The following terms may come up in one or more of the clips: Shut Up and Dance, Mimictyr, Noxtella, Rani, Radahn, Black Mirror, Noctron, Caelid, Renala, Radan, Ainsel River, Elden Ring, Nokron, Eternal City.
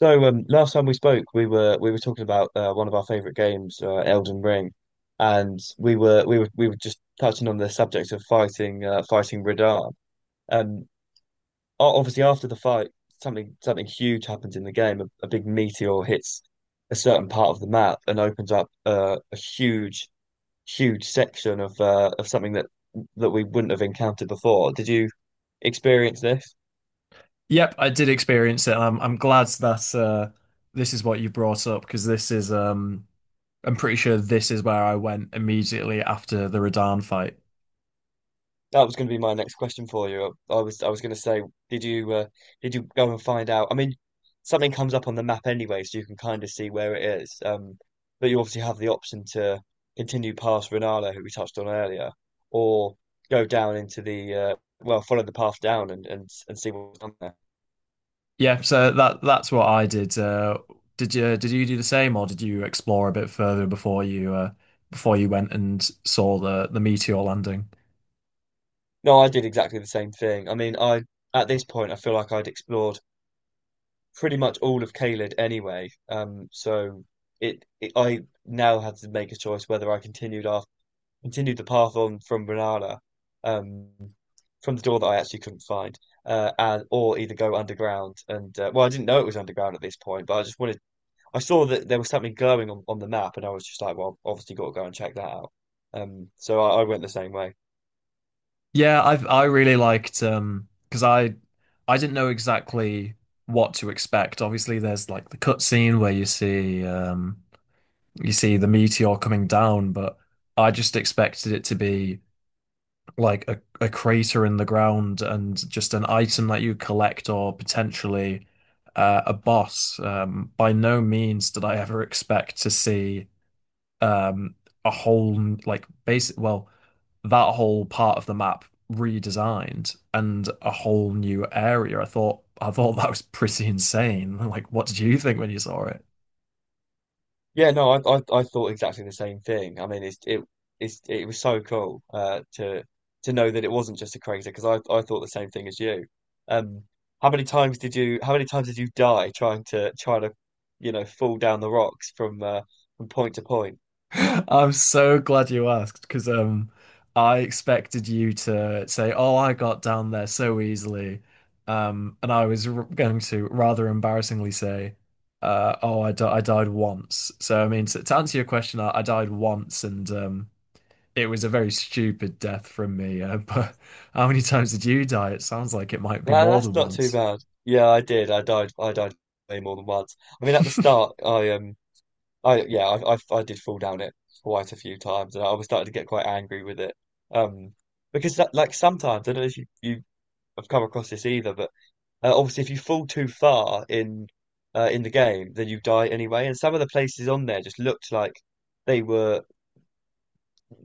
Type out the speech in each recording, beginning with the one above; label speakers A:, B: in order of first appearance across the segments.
A: So last time we spoke, we were talking about one of our favorite games, Elden Ring, and we were just touching on the subject of fighting fighting Radahn. Um, Obviously after the fight, something huge happens in the game. A big meteor hits a certain part of the map and opens up a huge section of something that we wouldn't have encountered before. Did you experience this?
B: Yep, I did experience it. And I'm glad that this is what you brought up because this is I'm pretty sure this is where I went immediately after the Radan fight.
A: That was going to be my next question for you. I was going to say, did you uh, did you go and find out? I mean, something comes up on the map anyway, so you can kind of see where it is. But you obviously have the option to continue past Renala, who we touched on earlier, or go down into the well, follow the path down and see what's down there.
B: Yeah, so that's what I did. Did you do the same or did you explore a bit further before you went and saw the meteor landing?
A: No, I did exactly the same thing. I mean, I at this point I feel like I'd explored pretty much all of Caelid anyway. So it, it I now had to make a choice whether I continued the path on from Renala, um, from the door that I actually couldn't find, and or either go underground and well, I didn't know it was underground at this point, but I just wanted. I saw that there was something glowing on the map, and I was just like, well, obviously got to go and check that out. So I went the same way.
B: Yeah, I really liked because I didn't know exactly what to expect. Obviously, there's like the cutscene where you see the meteor coming down, but I just expected it to be like a crater in the ground and just an item that you collect or potentially a boss. By no means did I ever expect to see um, a whole like basic well that whole part of the map redesigned and a whole new area. I thought that was pretty insane. Like, what did you think when you saw it?
A: Yeah, no, I thought exactly the same thing. I mean, it was so cool to know that it wasn't just a crazy because I thought the same thing as you. Um, how many times did you die trying to fall down the rocks from point to point?
B: I'm so glad you asked because I expected you to say, "Oh, I got down there so easily," and I was r going to rather embarrassingly say, "Oh, I died once." So I mean, to answer your question, I died once, and it was a very stupid death from me. But how many times did you die? It sounds like it might be
A: Well,
B: more
A: that's
B: than
A: not too
B: once.
A: bad. Yeah, I did. I died. I died way more than once. I mean, at the start, I yeah I did fall down it quite a few times, and I was starting to get quite angry with it. Um. Because like sometimes I don't know if you, you I've come across this either, but obviously, if you fall too far in in the game, then you die anyway. And some of the places on there just looked like they were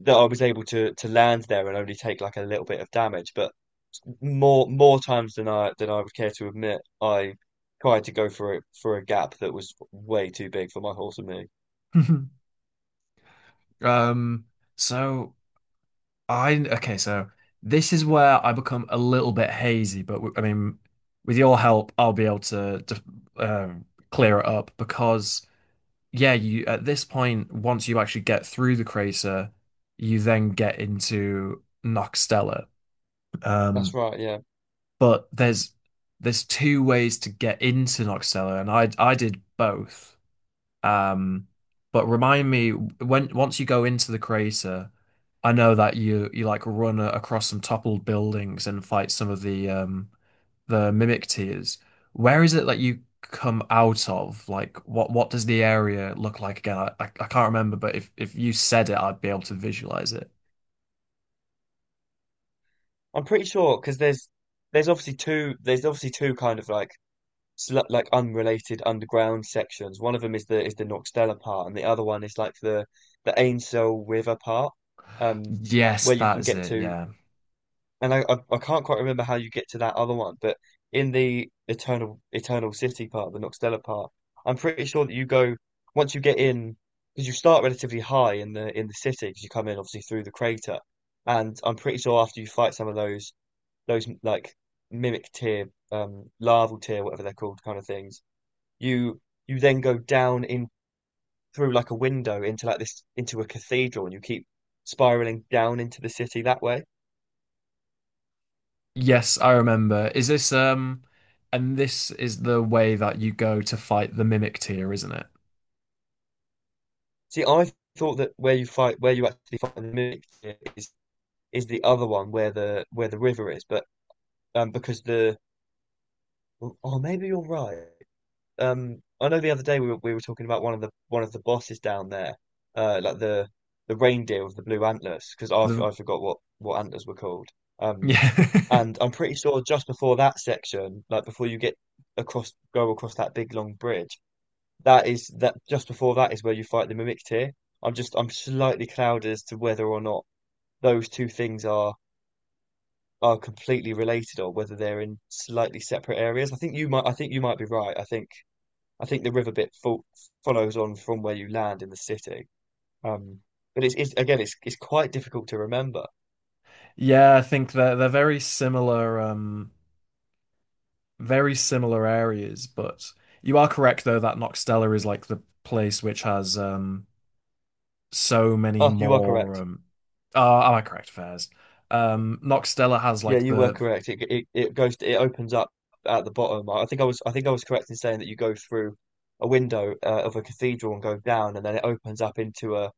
A: that I was able to land there and only take like a little bit of damage. But more times than I would care to admit, I tried to go for a gap that was way too big for my horse and me.
B: Um, so. I okay, so this is where I become a little bit hazy, but I mean, with your help, I'll be able to, um, clear it up because yeah, you at this point, once you actually get through the crater, you then get into Noxtella.
A: That's
B: Um,
A: right, yeah.
B: but there's two ways to get into Noxtella, and I did both. Um, but remind me when once you go into the crater, I know that you like run across some toppled buildings and fight some of the the mimic tiers. Where is it that you come out of? Like what does the area look like again? I can't remember, but if you said it, I'd be able to visualize it.
A: I'm pretty sure because there's obviously two kind of like unrelated underground sections. One of them is the Noxtella part, and the other one is like the Ainsel River part, um,
B: Yes,
A: where you
B: that
A: can
B: is
A: get
B: it.
A: to.
B: Yeah.
A: And I can't quite remember how you get to that other one, but in the Eternal City part, the Noxtella part, I'm pretty sure that you go once you get in because you start relatively high in the city because you come in obviously through the crater, and I'm pretty sure after you fight some of those like mimic tier larval tier whatever they're called kind of things you you then go down in through like a window into like this into a cathedral and you keep spiraling down into the city that way.
B: Yes, I remember. Is this, and this is the way that you go to fight the mimic tier, isn't it?
A: See, I thought that where you actually fight in the mimic is is the other one where the river is, but because the oh maybe you're right. I know the other day we were talking about one of the bosses down there, like the reindeer with the blue antlers because I
B: The
A: I forgot what antlers were called. Um
B: yeah.
A: And I'm pretty sure just before that section, like before you go across that big long bridge, that is that just before that is where you fight the Mimictyr. I'm slightly clouded as to whether or not those two things are completely related or whether they're in slightly separate areas. I think you might be right. I think the river bit fo follows on from where you land in the city. Um, but it's again it's quite difficult to remember.
B: Yeah, I think they're very similar areas. But you are correct, though, that Noxtella is like the place which has so many
A: Oh, you are
B: more.
A: correct.
B: Oh, am I correct, Fairs? Noxtella has
A: Yeah,
B: like
A: you were
B: the
A: correct. It opens up at the bottom. I think I was correct in saying that you go through a window of a cathedral and go down, and then it opens up into a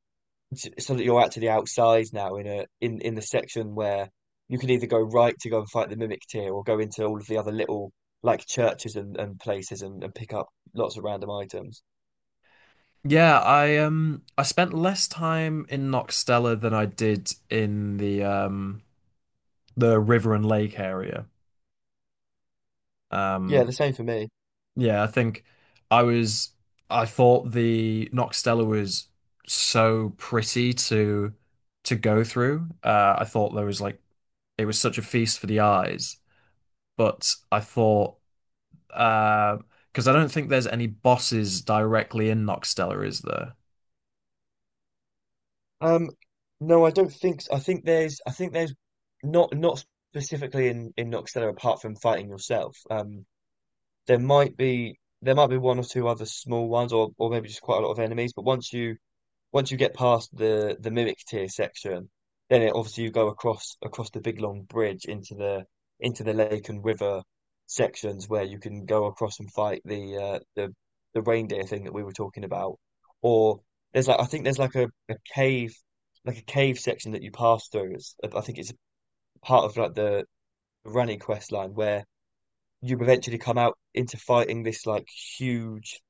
A: so that you're actually outside now in a in in the section where you can either go right to go and fight the Mimic Tier or go into all of the other little like churches and places and pick up lots of random items.
B: yeah. I spent less time in Noxtella than I did in the the river and lake area.
A: Yeah,
B: Um,
A: the same for me.
B: Yeah, I think I was I thought the Noxtella was so pretty to go through. I thought there was like it was such a feast for the eyes, but I thought uh because I don't think there's any bosses directly in Noxtella, is there?
A: Um, no, I don't think so. I think there's not specifically in Noxtella apart from fighting yourself. There might be one or two other small ones, or maybe just quite a lot of enemies. But once you get past the mimic tier section, then it obviously you go across the big long bridge into the lake and river sections where you can go across and fight the reindeer thing that we were talking about. Or there's like I think there's like a cave like a cave section that you pass through. I think it's part of like the Rani quest line where you eventually come out into fighting this like huge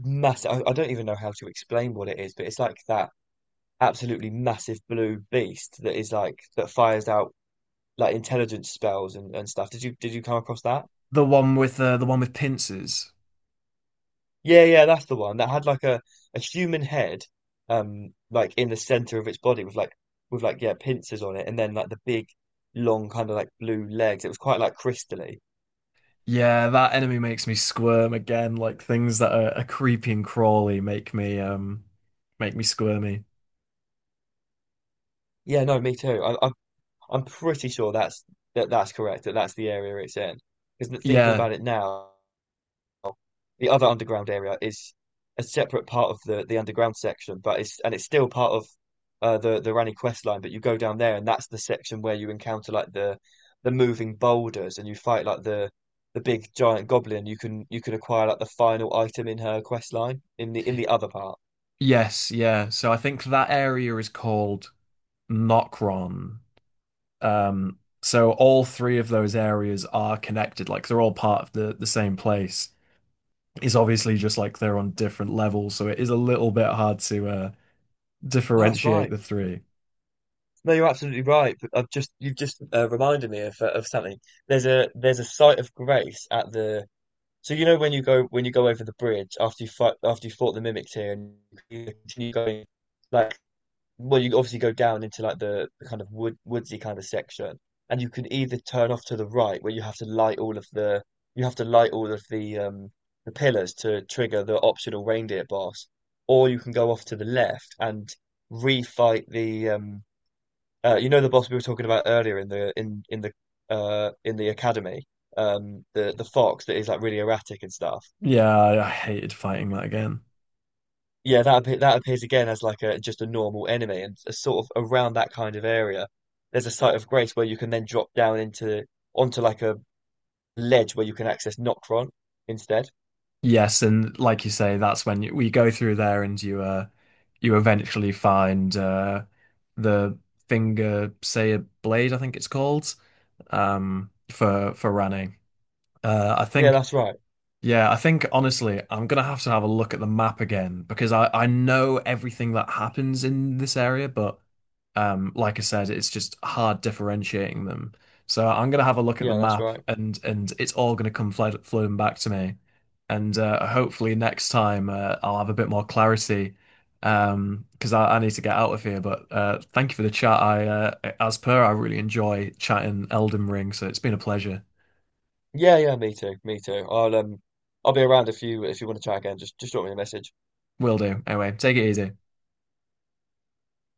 A: massive I don't even know how to explain what it is, but it's like that absolutely massive blue beast that fires out like intelligence spells and stuff. Did you come across that?
B: The one with pincers.
A: Yeah, yeah, that's the one that had like a human head, like in the center of its body with like pincers on it, and then like the big long kind of like blue legs. It was quite like crystally.
B: Yeah, that enemy makes me squirm again, like things that are creepy and crawly make me squirmy.
A: Yeah, no, me too. I'm pretty sure that that's correct. That's the area it's in. Because thinking
B: Yeah.
A: about it now. The other underground area is a separate part of the underground section, but it's still part of the Rani quest line. But you go down there, and that's the section where you encounter like the moving boulders, and you fight like the big giant goblin. You can acquire like the final item in her quest line in the other part.
B: Yes, yeah. So I think that area is called Nokron. So all three of those areas are connected, like they're all part of the same place. It's obviously just like they're on different levels, so it is a little bit hard to
A: Oh, that's
B: differentiate
A: right.
B: the three.
A: No, you're absolutely right. But I've just you've just reminded me of of something. There's a site of grace at the. So you know when you go over the bridge after you fight after you fought the mimics here and you continue going, like, well, you obviously go down into like the kind of woodsy kind of section, and you can either turn off to the right where you have to light all of the pillars to trigger the optional reindeer boss, or you can go off to the left and refight the you know the boss we were talking about earlier in the academy the fox that is like really erratic and stuff.
B: Yeah, I hated fighting that again.
A: Yeah, that appears again as like a normal enemy, and a sort of around that kind of area, there's a site of grace where you can then drop down into onto like a ledge where you can access Noctron instead.
B: Yes, and like you say, that's when we go through there and you you eventually find the finger say blade, I think it's called, for Rani. Uh I
A: Yeah,
B: think
A: that's right.
B: yeah, I think honestly, I'm gonna have to have a look at the map again because I know everything that happens in this area, but like I said, it's just hard differentiating them. So I'm gonna have a look at the
A: Yeah, that's
B: map,
A: right.
B: and it's all gonna come flooding back to me, and hopefully next time I'll have a bit more clarity, because I need to get out of here. But thank you for the chat. I as per, I really enjoy chatting Elden Ring, so it's been a pleasure.
A: Yeah, yeah, me too, me too. I'll be around if you want to chat again. Just drop me a message.
B: Will do. Anyway, take it easy.